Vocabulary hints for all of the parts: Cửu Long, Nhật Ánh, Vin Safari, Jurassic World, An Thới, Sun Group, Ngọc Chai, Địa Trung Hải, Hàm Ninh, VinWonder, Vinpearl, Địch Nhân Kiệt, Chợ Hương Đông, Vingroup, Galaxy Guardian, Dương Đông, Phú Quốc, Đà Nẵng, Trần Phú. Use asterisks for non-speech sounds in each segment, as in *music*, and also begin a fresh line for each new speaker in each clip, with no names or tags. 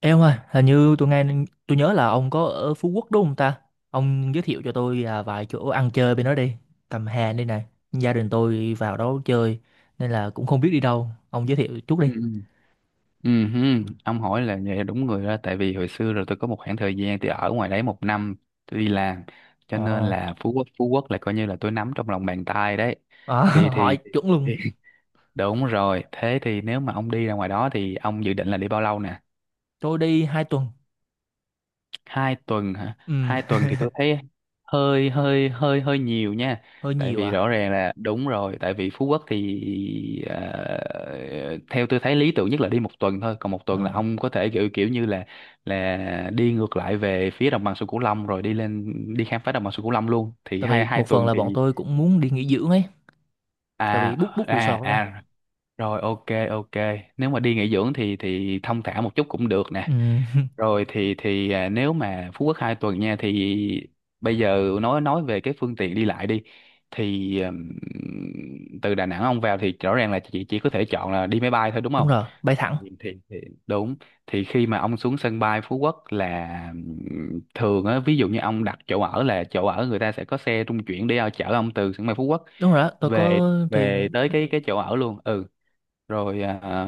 Em ơi, hình như tôi nhớ là ông có ở Phú Quốc đúng không ta? Ông giới thiệu cho tôi vài chỗ ăn chơi bên đó đi. Cầm Hà đây này. Gia đình tôi vào đó chơi nên là cũng không biết đi đâu. Ông giới thiệu chút đi.
Ừ. Ừ, hứ. Ông hỏi là vậy là đúng người đó, tại vì hồi xưa rồi tôi có một khoảng thời gian tôi ở ngoài đấy một năm, tôi đi làm, cho nên
Ờ,
là Phú Quốc là coi như là tôi nắm trong lòng bàn tay đấy.
à, *laughs*
thì
hỏi
thì,
chuẩn luôn.
thì *laughs* đúng rồi, thế thì nếu mà ông đi ra ngoài đó thì ông dự định là đi bao lâu nè?
Tôi đi 2 tuần.
2 tuần hả?
Ừ,
2 tuần
*laughs*
thì tôi thấy hơi hơi hơi hơi nhiều nha,
hơi
tại
nhiều
vì
à.
rõ ràng là, đúng rồi, tại vì Phú Quốc thì theo tôi thấy lý tưởng nhất là đi một tuần thôi, còn một tuần là
Ừ.
ông có thể kiểu kiểu như là đi ngược lại về phía đồng bằng sông Cửu Long rồi đi lên, đi khám phá đồng bằng sông Cửu Long luôn, thì
Tại vì
hai hai
một phần
tuần
là
thì,
bọn tôi cũng muốn đi nghỉ dưỡng ấy. Tại
à
vì book book
à
resort rồi.
à, rồi, ok ok. Nếu mà đi nghỉ dưỡng thì thong thả một chút cũng được
Ừ,
nè.
*laughs*
Rồi, nếu mà Phú Quốc 2 tuần nha, thì bây giờ nói về cái phương tiện đi lại đi, thì từ Đà Nẵng ông vào thì rõ ràng là chị chỉ có thể chọn là đi máy bay thôi, đúng
đúng
không?
rồi, bay thẳng.
Thì đúng, thì khi mà ông xuống sân bay Phú Quốc là, thường á, ví dụ như ông đặt chỗ ở, là chỗ ở người ta sẽ có xe trung chuyển để chở ông từ sân bay Phú Quốc
Đúng rồi, đó, tôi
về
có
về
thuyền.
tới cái chỗ ở luôn. Ừ, rồi,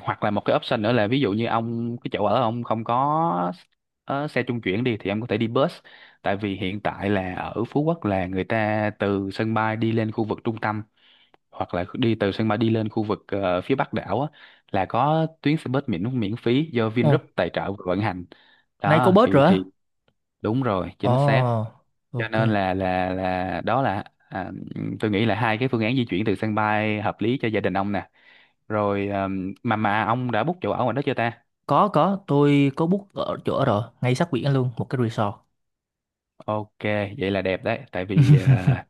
hoặc là một cái option nữa là, ví dụ như ông, cái chỗ ở ông không có xe trung chuyển đi, thì ông có thể đi bus, tại vì hiện tại là ở Phú Quốc là người ta từ sân bay đi lên khu vực trung tâm, hoặc là đi từ sân bay đi lên khu vực phía Bắc đảo á, là có tuyến xe bus miễn miễn phí do
Ồ,
Vingroup tài trợ và vận hành,
nay có
đó.
bớt
thì
rồi
thì
á.
đúng rồi, chính xác.
Ồ,
Cho nên
ok.
là đó là, à, tôi nghĩ là hai cái phương án di chuyển từ sân bay hợp lý cho gia đình ông nè. Rồi, mà ông đã book chỗ ở ngoài đó chưa ta?
Có, tôi có book ở chỗ rồi, ngay sát biển luôn, một cái resort.
Ok, vậy là đẹp đấy, tại vì,
*laughs*
à,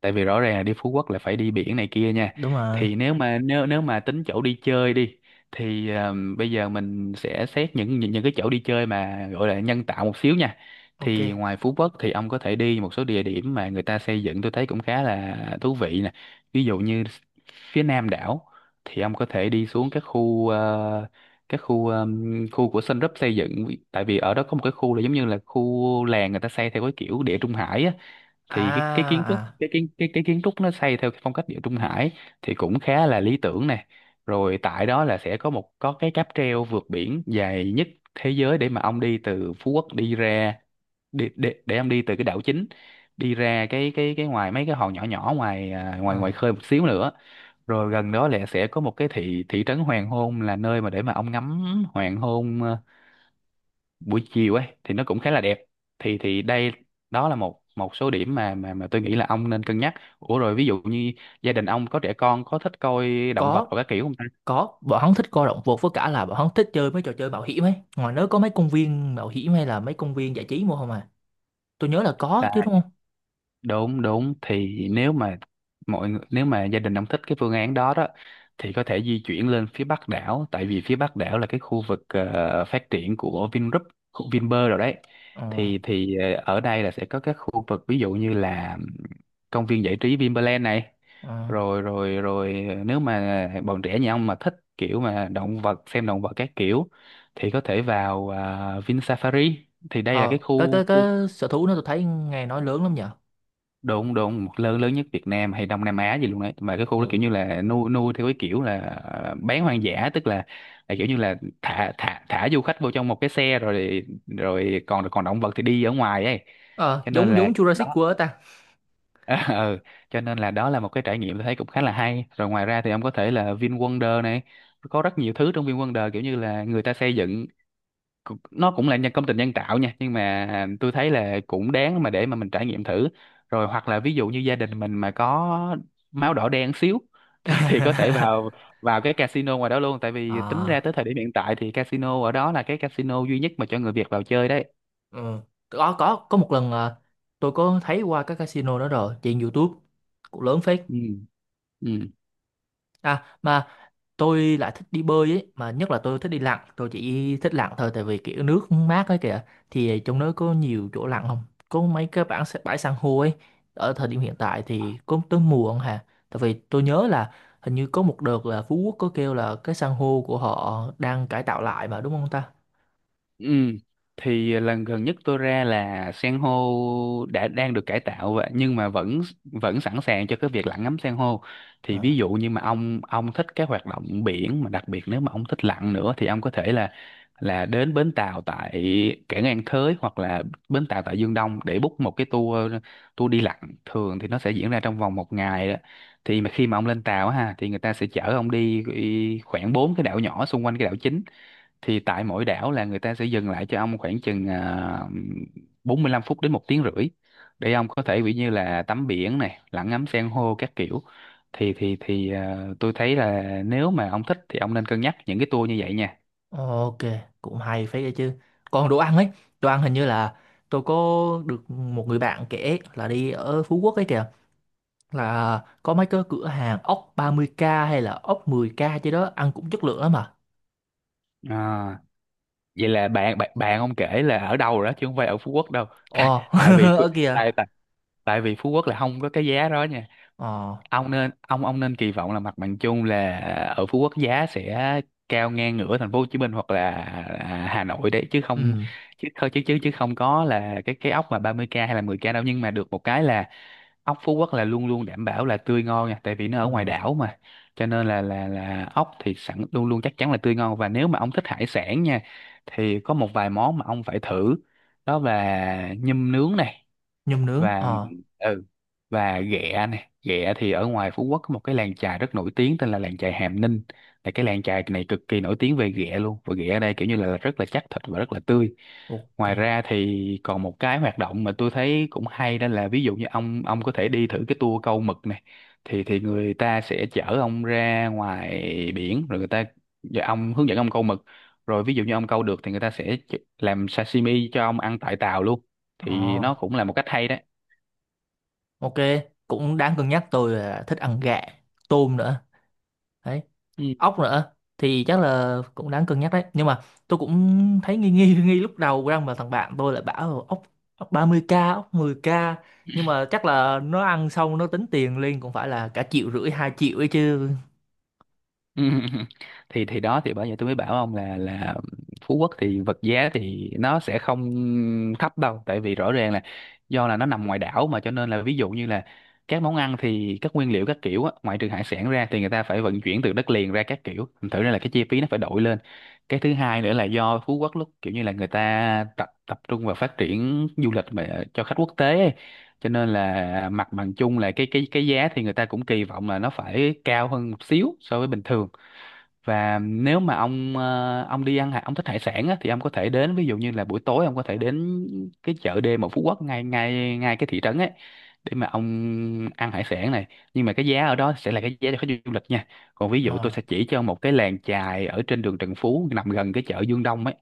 tại vì rõ ràng là đi Phú Quốc là phải đi biển này kia nha.
Đúng rồi.
Thì nếu Ừ. mà nếu nếu mà tính chỗ đi chơi đi, thì bây giờ mình sẽ xét những cái chỗ đi chơi mà gọi là nhân tạo một xíu nha.
Ok.
Thì ngoài Phú Quốc thì ông có thể đi một số địa điểm mà người ta xây dựng, tôi thấy cũng khá là thú vị nè. Ví dụ như phía nam đảo thì ông có thể đi xuống các khu, khu của Sun Group xây dựng, tại vì ở đó có một cái khu là giống như là khu làng người ta xây theo cái kiểu Địa Trung Hải á, thì cái
À,
kiến trúc
à.
cái kiến trúc nó xây theo cái phong cách Địa Trung Hải thì cũng khá là lý tưởng nè. Rồi tại đó là sẽ có một, có cái cáp treo vượt biển dài nhất thế giới để mà ông đi từ Phú Quốc đi ra, đi, để ông đi từ cái đảo chính đi ra, cái ngoài mấy cái hòn nhỏ nhỏ, ngoài à, ngoài ngoài
Ờ.
khơi một xíu nữa. Rồi gần đó là sẽ có một cái thị thị trấn hoàng hôn, là nơi mà để mà ông ngắm hoàng hôn buổi chiều ấy, thì nó cũng khá là đẹp. Thì Đây, đó là một một số điểm mà tôi nghĩ là ông nên cân nhắc. Ủa rồi, ví dụ như gia đình ông có trẻ con có thích coi động vật
có
hoặc các kiểu không
có bọn hắn thích coi động vật, với cả là bọn hắn thích chơi mấy trò chơi mạo hiểm ấy. Ngoài nước có mấy công viên mạo hiểm hay là mấy công viên giải trí mua không à? Tôi nhớ là có
ta?
chứ, đúng không?
Đúng, đúng, thì nếu mà, nếu mà gia đình ông thích cái phương án đó đó thì có thể di chuyển lên phía Bắc đảo, tại vì phía Bắc đảo là cái khu vực phát triển của Vingroup, khu Vinpearl rồi đấy.
ờ
Ở đây là sẽ có các khu vực, ví dụ như là công viên giải trí Vinpearl này.
ờ
Rồi rồi rồi ờ, nếu mà bọn trẻ nhà ông mà thích kiểu mà động vật, xem động vật các kiểu, thì có thể vào Vin Safari. Thì đây là cái
ờ cái cái
khu,
cái sở thú nó tôi thấy nghe nói lớn lắm nhở.
đúng đúng, lớn lớn nhất Việt Nam hay Đông Nam Á gì luôn đấy, mà cái khu đó kiểu
Ừ.
như là nuôi nuôi theo cái kiểu là bán hoang dã, tức là kiểu như là thả thả thả du khách vô trong một cái xe rồi, còn còn động vật thì đi ở ngoài ấy,
Ờ,
cho nên
giống
là
giống Jurassic
đó.
World ta.
*laughs* ừ. Cho nên là đó là một cái trải nghiệm tôi thấy cũng khá là hay. Rồi ngoài ra thì ông có thể là VinWonder này, có rất nhiều thứ trong VinWonder kiểu như là người ta xây dựng, nó cũng là, công trình nhân tạo nha, nhưng mà tôi thấy là cũng đáng mà để mà mình trải nghiệm thử. Rồi hoặc là ví dụ như gia đình mình mà có máu đỏ đen xíu, *laughs* thì có thể vào,
*laughs*
cái casino ngoài đó luôn, tại vì tính ra
À.
tới thời điểm hiện tại thì casino ở đó là cái casino duy nhất mà cho người Việt vào chơi đấy.
Ờ, có một lần, tôi có thấy qua các casino đó rồi trên YouTube, cũng lớn phết.
Ừ, ừ.
À mà tôi lại thích đi bơi ấy, mà nhất là tôi thích đi lặn, tôi chỉ thích lặn thôi tại vì kiểu nước mát ấy kìa. Thì trong đó có nhiều chỗ lặn không? Có mấy cái bãi bãi san hô ấy. Ở thời điểm hiện tại thì có tới mùa không hà? Tại vì tôi nhớ là hình như có một đợt là Phú Quốc có kêu là cái san hô của họ đang cải tạo lại mà, đúng không ta?
Ừ, thì lần gần nhất tôi ra là san hô đã đang được cải tạo, nhưng mà vẫn vẫn sẵn sàng cho cái việc lặn ngắm san hô. Thì ví
Ờ.
dụ như mà ông thích cái hoạt động biển, mà đặc biệt nếu mà ông thích lặn nữa, thì ông có thể là, đến bến tàu tại cảng An Thới, hoặc là bến tàu tại Dương Đông, để book một cái tour tour đi lặn. Thường thì nó sẽ diễn ra trong vòng một ngày đó. Thì mà khi mà ông lên tàu á ha, thì người ta sẽ chở ông đi khoảng bốn cái đảo nhỏ xung quanh cái đảo chính, thì tại mỗi đảo là người ta sẽ dừng lại cho ông khoảng chừng 45 phút đến một tiếng rưỡi, để ông có thể, ví như là, tắm biển này, lặn ngắm san hô các kiểu. Tôi thấy là nếu mà ông thích thì ông nên cân nhắc những cái tour như vậy nha.
Ok, cũng hay phết đấy chứ. Còn đồ ăn ấy, đồ ăn hình như là tôi có được một người bạn kể là đi ở Phú Quốc ấy kìa, là có mấy cái cửa hàng ốc 30k hay là ốc 10k chứ đó, ăn cũng chất lượng lắm mà.
à, Vậy là bạn bạn bạn ông kể là ở đâu rồi đó, chứ không phải ở Phú Quốc đâu,
Ồ,
tại vì
*laughs*
Phú-
ở kìa.
tại tại tại vì Phú Quốc là không có cái giá đó.
Ờ,
Ông nên, ông nên kỳ vọng là mặt bằng chung là ở Phú Quốc giá sẽ cao ngang ngửa thành phố Hồ Chí Minh, hoặc là Hà Nội đấy, chứ không
ừ,
chứ không chứ chứ chứ không có là cái ốc mà 30K hay là 10K đâu, nhưng mà được một cái là ốc Phú Quốc là luôn luôn đảm bảo là tươi ngon nha, tại vì nó ở ngoài
ừ,
đảo mà, cho nên là ốc thì sẵn luôn luôn chắc chắn là tươi ngon. Và nếu mà ông thích hải sản nha thì có một vài món mà ông phải thử, đó là nhum nướng này,
nhum nướng,
và,
ờ,
ừ và Ghẹ này. Ghẹ thì ở ngoài Phú Quốc có một cái làng chài rất nổi tiếng tên là làng chài Hàm Ninh, là cái làng chài này cực kỳ nổi tiếng về ghẹ luôn, và ghẹ ở đây kiểu như là rất là chắc thịt và rất là tươi. Ngoài
ok.
ra thì còn một cái hoạt động mà tôi thấy cũng hay, đó là ví dụ như ông có thể đi thử cái tour câu mực này. Thì người ta sẽ chở ông ra ngoài biển, rồi người ta và ông hướng dẫn ông câu mực, rồi ví dụ như ông câu được thì người ta sẽ làm sashimi cho ông ăn tại tàu luôn, thì
Ờ,
nó cũng là một cách hay đó.
ok, cũng đáng cân nhắc. Tôi là thích ăn gà, tôm nữa. Đấy,
Ừ.
ốc nữa thì chắc là cũng đáng cân nhắc đấy, nhưng mà tôi cũng thấy nghi nghi *laughs* nghi lúc đầu rằng mà thằng bạn tôi lại bảo là ốc ốc 30k, ốc 10k, nhưng mà chắc là nó ăn xong nó tính tiền liền cũng phải là cả 1,5 triệu, 2 triệu ấy chứ.
Ừ. *laughs* Thì đó thì bởi vậy tôi mới bảo ông là Phú Quốc thì vật giá thì nó sẽ không thấp đâu, tại vì rõ ràng là do là nó nằm ngoài đảo, mà cho nên là ví dụ như là các món ăn thì các nguyên liệu các kiểu á, ngoại trừ hải sản ra thì người ta phải vận chuyển từ đất liền ra các kiểu, thành thử ra là cái chi phí nó phải đội lên. Cái thứ hai nữa là do Phú Quốc lúc kiểu như là người ta tập tập trung vào phát triển du lịch mà cho khách quốc tế ấy. Cho nên là mặt bằng chung là cái giá thì người ta cũng kỳ vọng là nó phải cao hơn một xíu so với bình thường. Và nếu mà ông ông thích hải sản á, thì ông có thể đến, ví dụ như là buổi tối ông có thể đến cái chợ đêm ở Phú Quốc, ngay ngay ngay cái thị trấn ấy, để mà ông ăn hải sản này. Nhưng mà cái giá ở đó sẽ là cái giá cho khách du lịch nha. Còn ví dụ tôi sẽ
Ờ,
chỉ cho ông một cái làng chài ở trên đường Trần Phú, nằm gần cái chợ Dương Đông ấy.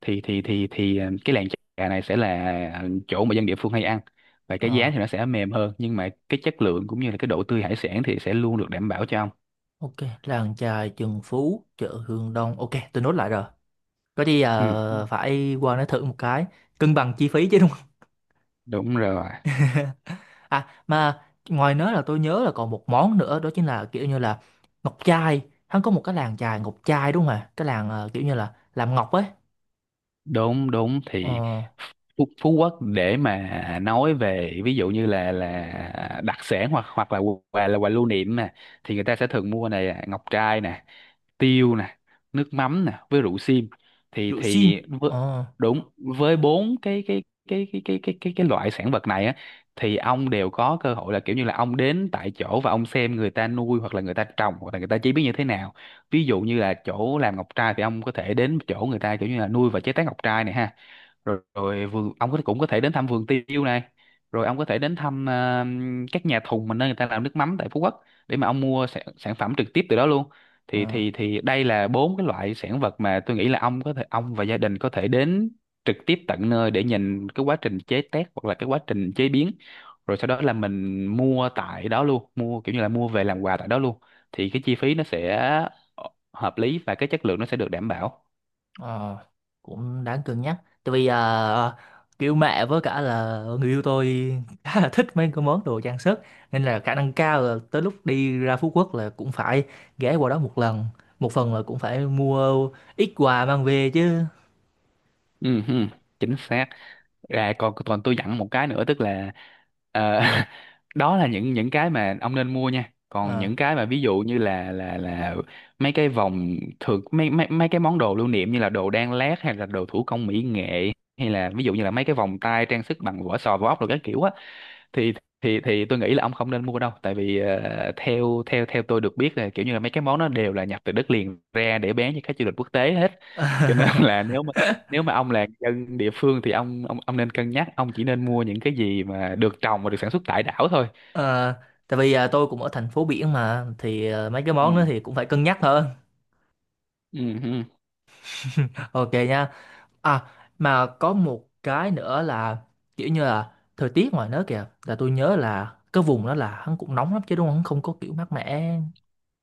Cái làng chài này sẽ là chỗ mà dân địa phương hay ăn, và cái giá
ờ.
thì nó sẽ mềm hơn, nhưng mà cái chất lượng cũng như là cái độ tươi hải sản thì sẽ luôn được đảm bảo cho ông.
Ok, làng chài Trần Phú, chợ Hương Đông. Ok, tôi nốt lại rồi, có gì
Ừ,
phải qua nó thử một cái, cân bằng chi phí chứ.
đúng rồi.
À mà ngoài nớ là tôi nhớ là còn một món nữa, đó chính là kiểu như là ngọc chai. Hắn có một cái làng chài ngọc chai đúng không ạ? Cái làng kiểu như là làm ngọc ấy.
Đúng đúng thì
Ờ,
Phú Quốc để mà nói về ví dụ như là đặc sản hoặc hoặc là quà lưu niệm nè, thì người ta sẽ thường mua này à, ngọc trai nè, tiêu nè, nước mắm nè, với rượu sim. thì
rượu sim.
thì với,
Ờ,
Đúng với bốn cái loại sản vật này á, thì ông đều có cơ hội là kiểu như là ông đến tại chỗ và ông xem người ta nuôi hoặc là người ta trồng hoặc là người ta chế biến như thế nào. Ví dụ như là chỗ làm ngọc trai thì ông có thể đến chỗ người ta kiểu như là nuôi và chế tác ngọc trai này ha. Rồi vườn ông có cũng có thể đến thăm vườn tiêu này. Rồi ông có thể đến thăm các nhà thùng mà nơi người ta làm nước mắm tại Phú Quốc, để mà ông mua sản phẩm trực tiếp từ đó luôn.
ờ,
Thì Đây là bốn cái loại sản vật mà tôi nghĩ là ông và gia đình có thể đến trực tiếp tận nơi để nhìn cái quá trình chế tác hoặc là cái quá trình chế biến, rồi sau đó là mình mua tại đó luôn, mua kiểu như là mua về làm quà tại đó luôn. Thì cái chi phí nó sẽ ờ, hợp lý và cái chất lượng nó sẽ được đảm bảo.
ờ, cũng đáng cân nhắc. Tại vì kiểu mẹ với cả là người yêu tôi khá là thích mấy cái món đồ trang sức. Nên là khả năng cao là tới lúc đi ra Phú Quốc là cũng phải ghé qua đó một lần. Một phần là cũng phải mua ít quà mang về chứ.
Ừ, ừ, chính xác. À, còn còn tôi dặn một cái nữa, tức là ờ, *laughs* đó là những cái mà ông nên mua nha. Còn
Ờ.
những cái mà ví dụ như là mấy cái vòng thường, mấy mấy mấy cái món đồ lưu niệm như là đồ đan lát hay là đồ thủ công mỹ nghệ, hay là ví dụ như là mấy cái vòng tay trang sức bằng vỏ sò vỏ ốc rồi các kiểu á, thì thì tôi nghĩ là ông không nên mua đâu, tại vì theo theo theo tôi được biết là kiểu như là mấy cái món nó đều là nhập từ đất liền ra để bán cho khách du lịch quốc tế hết. Cho nên *laughs* là nếu mà ông là dân địa phương, thì ông nên cân nhắc, ông chỉ nên mua những cái gì mà được trồng và được sản xuất tại đảo thôi.
Ờ, tại vì tôi cũng ở thành phố biển mà, thì mấy cái món đó
Ừ.
thì cũng phải cân nhắc hơn.
Ừ.
*laughs* Ok nha. À mà có một cái nữa là kiểu như là thời tiết ngoài nước kìa, là tôi nhớ là cái vùng đó là hắn cũng nóng lắm chứ đúng không? Hắn không có kiểu mát mẻ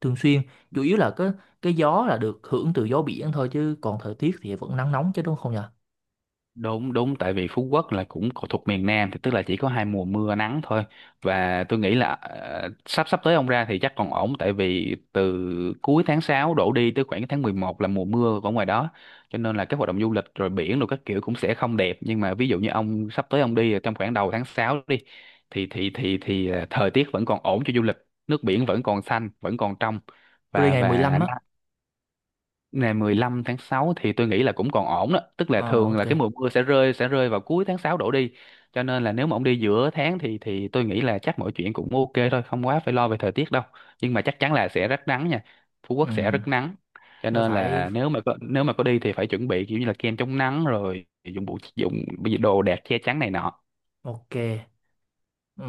thường xuyên. Chủ yếu là cái gió là được hưởng từ gió biển thôi, chứ còn thời tiết thì vẫn nắng nóng chứ đúng không nhỉ?
Đúng đúng, tại vì Phú Quốc là thuộc miền Nam, thì tức là chỉ có hai mùa mưa nắng thôi. Và tôi nghĩ là sắp sắp tới ông ra thì chắc còn ổn, tại vì từ cuối tháng 6 đổ đi tới khoảng cái tháng 11 là mùa mưa ở ngoài đó, cho nên là các hoạt động du lịch rồi biển rồi các kiểu cũng sẽ không đẹp. Nhưng mà ví dụ như ông sắp tới ông đi trong khoảng đầu tháng 6 đi, thời tiết vẫn còn ổn cho du lịch, nước biển vẫn còn xanh vẫn còn trong.
Tôi đi
và
ngày 15
và
á.
ngày 15 tháng 6 thì tôi nghĩ là cũng còn ổn đó, tức là
Ờ
thường
ok.
là cái mùa mưa sẽ rơi vào cuối tháng 6 đổ đi. Cho nên là nếu mà ông đi giữa tháng thì tôi nghĩ là chắc mọi chuyện cũng ok thôi, không quá phải lo về thời tiết đâu. Nhưng mà chắc chắn là sẽ rất nắng nha. Phú Quốc sẽ
Ừ,
rất nắng. Cho
nó
nên
phải
là nếu mà có đi thì phải chuẩn bị kiểu như là kem chống nắng rồi dụng cụ đồ đạc che chắn này nọ.
ok. Ừ,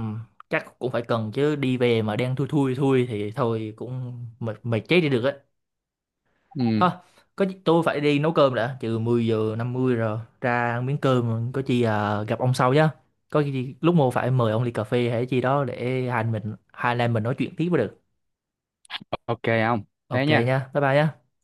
chắc cũng phải cần chứ, đi về mà đang thui thui thui thì thôi cũng mệt mệt chết đi được á.
Ừ,
Thôi, tôi phải đi nấu cơm đã, trừ 10:50 rồi, ra ăn miếng cơm. Có chi gặp ông sau nhá. Có gì lúc mua phải mời ông ly cà phê hay chi đó để hai anh em mình nói chuyện tiếp mới được.
ok không? Thế
Ok nha,
nha.
bye bye nhá.